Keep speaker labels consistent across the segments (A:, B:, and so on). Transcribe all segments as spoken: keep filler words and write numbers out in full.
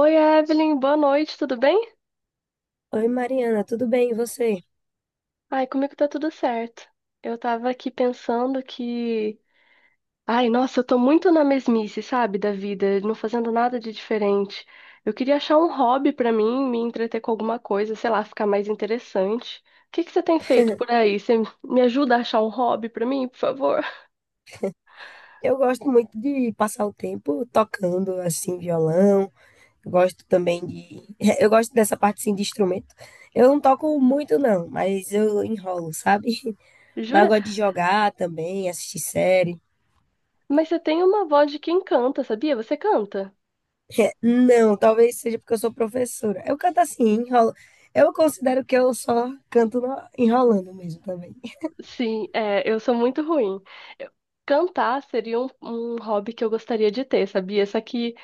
A: Oi, Evelyn, boa noite, tudo bem?
B: Oi, Mariana, tudo bem? E você?
A: Ai, comigo tá tudo certo. Eu tava aqui pensando que. Ai, nossa, eu tô muito na mesmice, sabe, da vida, não fazendo nada de diferente. Eu queria achar um hobby pra mim, me entreter com alguma coisa, sei lá, ficar mais interessante. O que que você tem feito por aí? Você me ajuda a achar um hobby pra mim, por favor?
B: Eu gosto muito de passar o tempo tocando assim violão. Gosto também de eu gosto dessa parte assim de instrumento. Eu não toco muito não, mas eu enrolo, sabe? Mas eu
A: Jura?
B: gosto de jogar também, assistir série.
A: Mas você tem uma voz de quem canta, sabia? Você canta?
B: Não, talvez seja porque eu sou professora. Eu canto assim, enrolo. Eu considero que eu só canto no- enrolando mesmo também.
A: Sim, é, eu sou muito ruim. Eu- Cantar seria um, um hobby que eu gostaria de ter, sabia? Só que,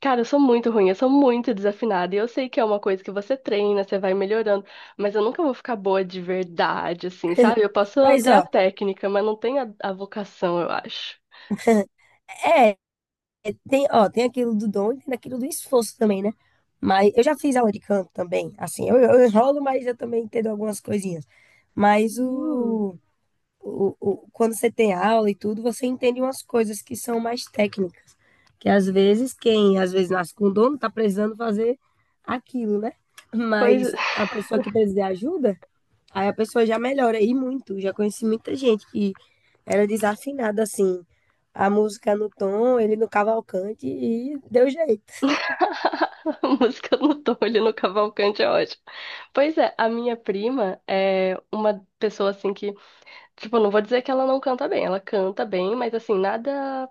A: cara, eu sou muito ruim, eu sou muito desafinada. E eu sei que é uma coisa que você treina, você vai melhorando, mas eu nunca vou ficar boa de verdade, assim, sabe? Eu posso
B: Mas,
A: ter a
B: ó,
A: técnica, mas não tenho a, a vocação, eu acho.
B: é, tem, ó, tem aquilo do dom e tem aquilo do esforço também, né? Mas eu já fiz aula de canto também, assim, eu, eu enrolo, mas eu também entendo algumas coisinhas. Mas
A: Hum.
B: o, o, o- quando você tem aula e tudo, você entende umas coisas que são mais técnicas, que às vezes quem às vezes nasce com dono está precisando fazer aquilo, né?
A: Pois.
B: Mas a pessoa que precisa de ajuda, aí a pessoa já melhora e muito. Já conheci muita gente que era desafinada assim, a música no tom, ele no cavalcante e deu jeito.
A: A música no Tolho, no Cavalcante é ótimo. Pois é, a minha prima é uma pessoa assim que. Tipo, não vou dizer que ela não canta bem. Ela canta bem, mas assim, nada.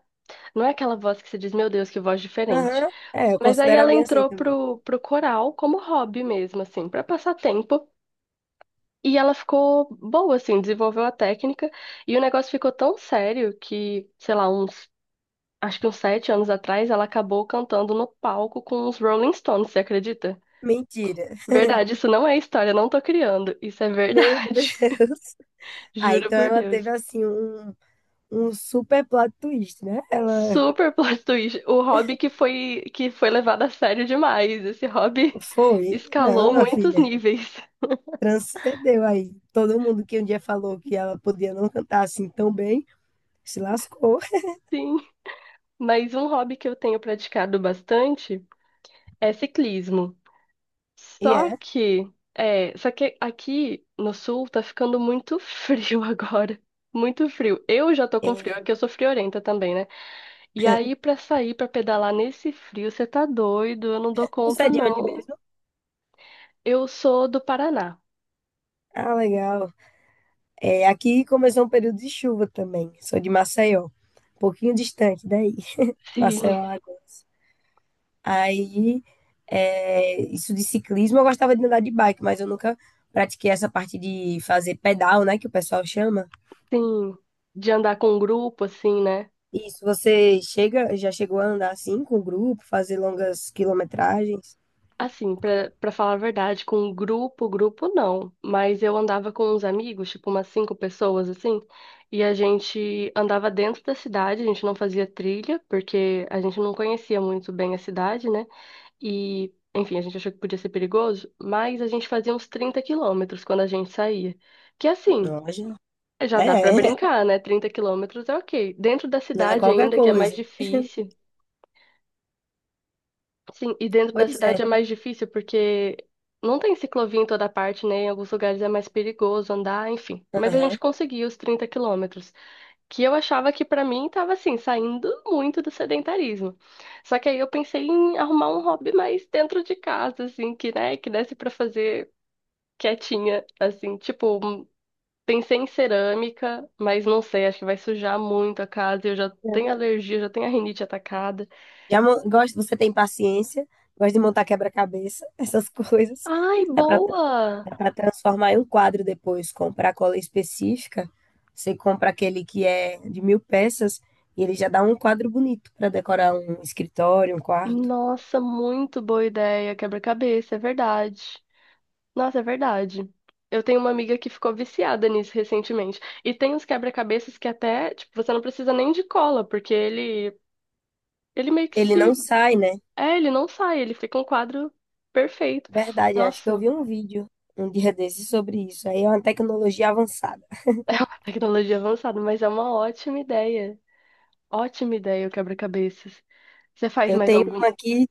A: Não é aquela voz que você diz, meu Deus, que voz diferente.
B: Aham. É, eu
A: Mas aí
B: considero a
A: ela
B: minha assim
A: entrou
B: também.
A: pro, pro coral como hobby mesmo, assim, pra passar tempo. E ela ficou boa, assim, desenvolveu a técnica. E o negócio ficou tão sério que, sei lá, uns. Acho que uns sete anos atrás, ela acabou cantando no palco com os Rolling Stones, você acredita?
B: Mentira.
A: Verdade, isso não é história, não tô criando. Isso é
B: Meu
A: verdade.
B: Deus. Ah,
A: Juro
B: então
A: por
B: ela teve
A: Deus.
B: assim um um super plot twist, né? Ela
A: Super plot twist. O hobby que foi que foi levado a sério demais. Esse hobby
B: foi. Não,
A: escalou
B: minha
A: muitos
B: filha,
A: níveis.
B: transcendeu aí. Todo mundo que um dia falou que ela podia não cantar assim tão bem, se lascou.
A: Sim, mas um hobby que eu tenho praticado bastante é ciclismo.
B: E
A: Só
B: é.
A: que é, só que aqui no sul tá ficando muito frio agora. Muito frio. Eu já tô com frio,
B: É.
A: aqui eu sou friorenta também, né? E aí pra sair pra pedalar nesse frio, você tá doido? Eu não dou
B: Você
A: conta
B: é de onde
A: não.
B: mesmo?
A: Eu sou do Paraná.
B: Ah, legal. É, aqui começou um período de chuva também. Sou de Maceió, um pouquinho distante daí. Maceió,
A: Sim.
B: Alagoas. Aí, é, isso de ciclismo, eu gostava de andar de bike, mas eu nunca pratiquei essa parte de fazer pedal, né, que o pessoal chama.
A: Sim, de andar com um grupo, assim, né?
B: Isso, você chega, já chegou a andar assim com o grupo, fazer longas quilometragens?
A: Assim, pra, pra falar a verdade, com um grupo, grupo não. Mas eu andava com uns amigos, tipo umas cinco pessoas, assim, e a gente andava dentro da cidade, a gente não fazia trilha, porque a gente não conhecia muito bem a cidade, né? E, enfim, a gente achou que podia ser perigoso, mas a gente fazia uns trinta quilômetros quando a gente saía. Que assim,
B: Loja?
A: já
B: É,
A: dá pra
B: é,
A: brincar, né? Trinta quilômetros é ok. Dentro da
B: não é
A: cidade
B: qualquer
A: ainda, que é mais
B: coisa.
A: difícil. Sim, e dentro da
B: Pois é.
A: cidade é mais difícil porque não tem ciclovia em toda parte, né? Em alguns lugares é mais perigoso andar, enfim. Mas a gente
B: Aham.
A: conseguiu os trinta quilômetros, que eu achava que pra mim tava assim, saindo muito do sedentarismo. Só que aí eu pensei em arrumar um hobby mais dentro de casa, assim, que, né, que desse pra fazer quietinha, assim, tipo, um- pensei em cerâmica, mas não sei, acho que vai sujar muito a casa, eu já tenho alergia, já tenho a rinite atacada.
B: Já mo- gosto, você tem paciência, gosta de montar quebra-cabeça, essas coisas.
A: Ai,
B: Dá para
A: boa!
B: Dá para transformar em um quadro depois, comprar cola específica. Você compra aquele que é de mil peças e ele já dá um quadro bonito para decorar um escritório, um quarto.
A: Nossa, muito boa ideia. Quebra-cabeça, é verdade. Nossa, é verdade. Eu tenho uma amiga que ficou viciada nisso recentemente. E tem uns quebra-cabeças que até, tipo, você não precisa nem de cola, porque ele, ele meio que
B: Ele
A: se.
B: não sai, né?
A: É, ele não sai, ele fica um quadro perfeito.
B: Verdade, acho que eu
A: Nossa,
B: vi um vídeo um dia desses sobre isso. Aí é uma tecnologia avançada.
A: tecnologia avançada, mas é uma ótima ideia. Ótima ideia o quebra-cabeças. Você faz
B: Eu
A: mais
B: tenho
A: algum?
B: uma aqui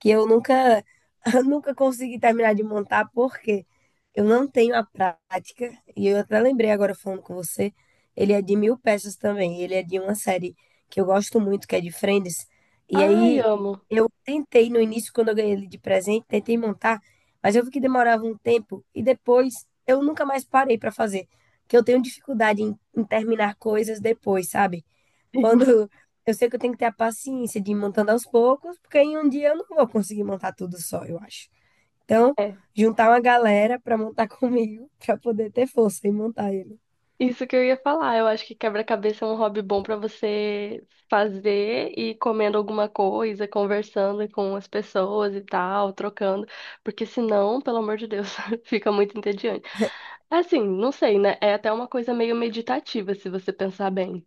B: que eu nunca, eu nunca consegui terminar de montar porque eu não tenho a prática. E eu até lembrei agora falando com você, ele é de mil peças também. Ele é de uma série que eu gosto muito, que é de Friends. E
A: Ai,
B: aí
A: amo.
B: eu tentei no início, quando eu ganhei ele de presente, tentei montar, mas eu vi que demorava um tempo e depois eu nunca mais parei para fazer, que eu tenho dificuldade em, em terminar coisas depois, sabe? Quando eu sei que eu tenho que ter a paciência de ir montando aos poucos, porque em um dia eu não vou conseguir montar tudo só, eu acho. Então,
A: Sim.
B: juntar uma galera para montar comigo, para poder ter força e montar ele.
A: Isso que eu ia falar. Eu acho que quebra-cabeça é um hobby bom pra você fazer e ir comendo alguma coisa, conversando com as pessoas e tal, trocando, porque senão, pelo amor de Deus, fica muito entediante. Assim, não sei, né? É até uma coisa meio meditativa, se você pensar bem.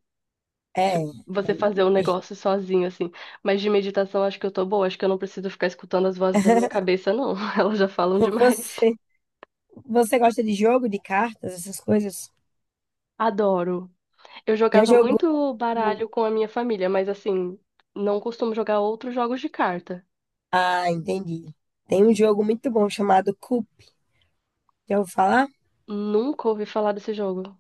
A: Tipo,
B: É.
A: você fazer um negócio sozinho, assim. Mas de meditação, acho que eu tô boa. Acho que eu não preciso ficar escutando as vozes da minha cabeça, não. Elas já falam demais.
B: Você, Você gosta de jogo, de cartas, essas coisas?
A: Adoro. Eu
B: Já
A: jogava
B: jogou?
A: muito baralho com a minha família, mas assim, não costumo jogar outros jogos de carta.
B: Ah, entendi. Tem um jogo muito bom chamado Coup. Já ouviu falar?
A: Nunca ouvi falar desse jogo.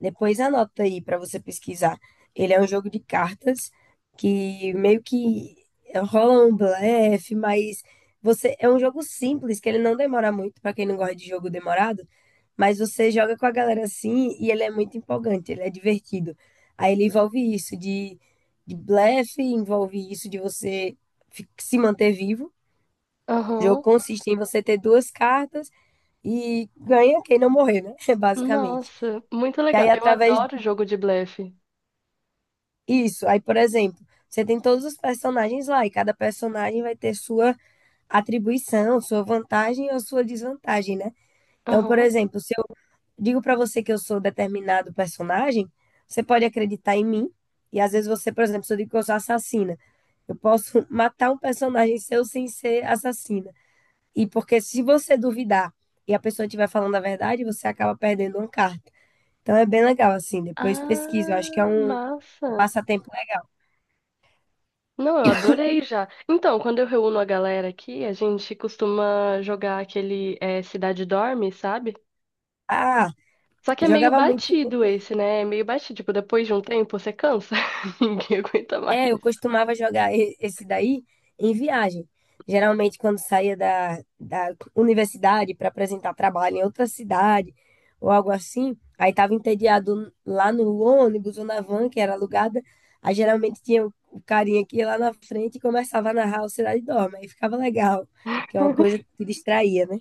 B: Depois anota aí para você pesquisar. Ele é um jogo de cartas que meio que rola um blefe, mas você é um jogo simples que ele não demora muito para quem não gosta de jogo demorado, mas você joga com a galera assim e ele é muito empolgante, ele é divertido. Aí ele envolve isso de, de blefe, envolve isso de você fi- se manter vivo. O jogo
A: Aham.
B: consiste em você ter duas cartas e ganha quem não morrer, né? Basicamente.
A: Nossa, muito
B: E aí,
A: legal. Eu
B: através
A: adoro jogo de blefe.
B: Isso. Aí, por exemplo, você tem todos os personagens lá e cada personagem vai ter sua atribuição, sua vantagem ou sua desvantagem, né? Então, por
A: Aham.
B: exemplo, se eu digo para você que eu sou determinado personagem, você pode acreditar em mim. E às vezes você, por exemplo, se eu digo que eu sou assassina, eu posso matar um personagem seu sem ser assassina. E porque se você duvidar e a pessoa estiver falando a verdade, você acaba perdendo uma carta. Então é bem legal assim, depois pesquisa, eu acho que é
A: Ah,
B: um
A: massa.
B: passatempo legal.
A: Não, eu adorei já. Então, quando eu reúno a galera aqui, a gente costuma jogar aquele eh, Cidade Dorme, sabe?
B: Ah,
A: Só que é meio
B: jogava muito.
A: batido esse, né? É meio batido. Tipo, depois de um tempo você cansa. Ninguém aguenta mais.
B: É, eu costumava jogar e- esse daí em viagem. Geralmente, quando saía da, da universidade para apresentar trabalho em outra cidade ou algo assim, aí tava entediado lá no ônibus ou na van que era alugada. Aí geralmente tinha o, o carinha que ia lá na frente e começava a narrar o Cidade Dorme. Aí ficava legal, que é uma coisa que te distraía, né?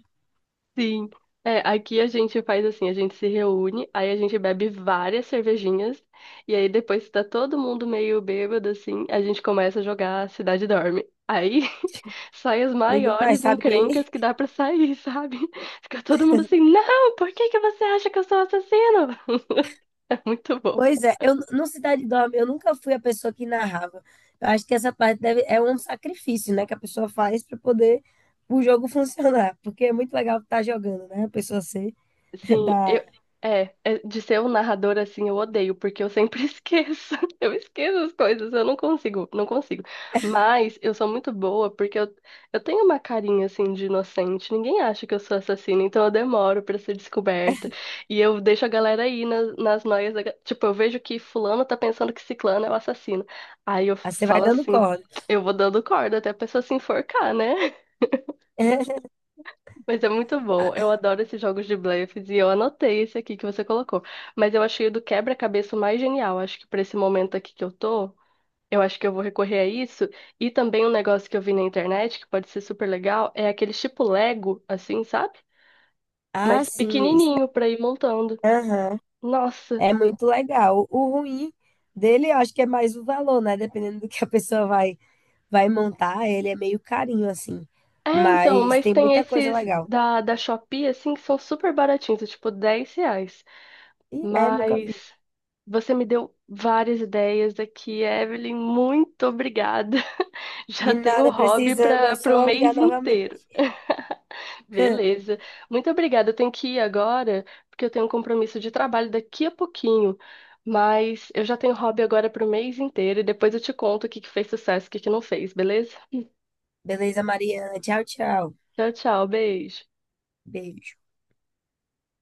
A: Sim. É, aqui a gente faz assim, a gente se reúne, aí a gente bebe várias cervejinhas, e aí depois que tá todo mundo meio bêbado, assim, a gente começa a jogar Cidade Dorme. Aí saem as
B: Ninguém mais
A: maiores
B: sabe quem.
A: encrencas que dá pra sair, sabe? Fica todo mundo assim, não, por que que você acha que eu sou assassino? É muito bom.
B: Pois é, eu no Cidade Dorme, eu nunca fui a pessoa que narrava. Eu acho que essa parte deve, é um sacrifício, né, que a pessoa faz para poder o jogo funcionar, porque é muito legal estar jogando, né? A pessoa ser
A: Sim,
B: da,
A: eu, é, é, de ser um narrador assim, eu odeio, porque eu sempre esqueço. Eu esqueço as coisas, eu não consigo, não consigo. Mas eu sou muito boa porque eu, eu tenho uma carinha assim de inocente. Ninguém acha que eu sou assassina, então eu demoro pra ser descoberta. E eu deixo a galera aí nas, nas noias. da ga- Tipo, eu vejo que fulano tá pensando que ciclano é o assassino. Aí eu
B: ah, você vai
A: falo
B: dando
A: assim,
B: corda.
A: eu vou dando corda até a pessoa se enforcar, né? Mas é muito bom. Eu adoro esses jogos de blefes e eu anotei esse aqui que você colocou. Mas eu achei o do quebra-cabeça o mais genial. Acho que para esse momento aqui que eu tô, eu acho que eu vou recorrer a isso. E também um negócio que eu vi na internet que pode ser super legal é aqueles tipo Lego, assim, sabe?
B: Ah,
A: Mas
B: sim. isso-
A: pequenininho para ir montando.
B: Aham.
A: Nossa.
B: É muito legal. O ruim dele, eu acho que é mais o valor, né? Dependendo do que a pessoa vai vai montar, ele é meio carinho assim.
A: É, então,
B: Mas
A: mas
B: tem
A: tem
B: muita coisa
A: esses
B: legal.
A: da, da Shopee, assim, que são super baratinhos, é tipo dez reais.
B: E é, nunca vi.
A: Mas você me deu várias ideias aqui, Evelyn. Muito obrigada.
B: De
A: Já tenho
B: nada,
A: hobby
B: precisando, é
A: para
B: só
A: o
B: ligar
A: mês
B: novamente.
A: inteiro. Beleza. Muito obrigada. Eu tenho que ir agora, porque eu tenho um compromisso de trabalho daqui a pouquinho. Mas eu já tenho hobby agora para o mês inteiro e depois eu te conto o que que fez sucesso e o que que não fez, beleza?
B: Beleza, Mariana. Tchau, tchau.
A: Tchau, tchau. Beijo.
B: Beijo.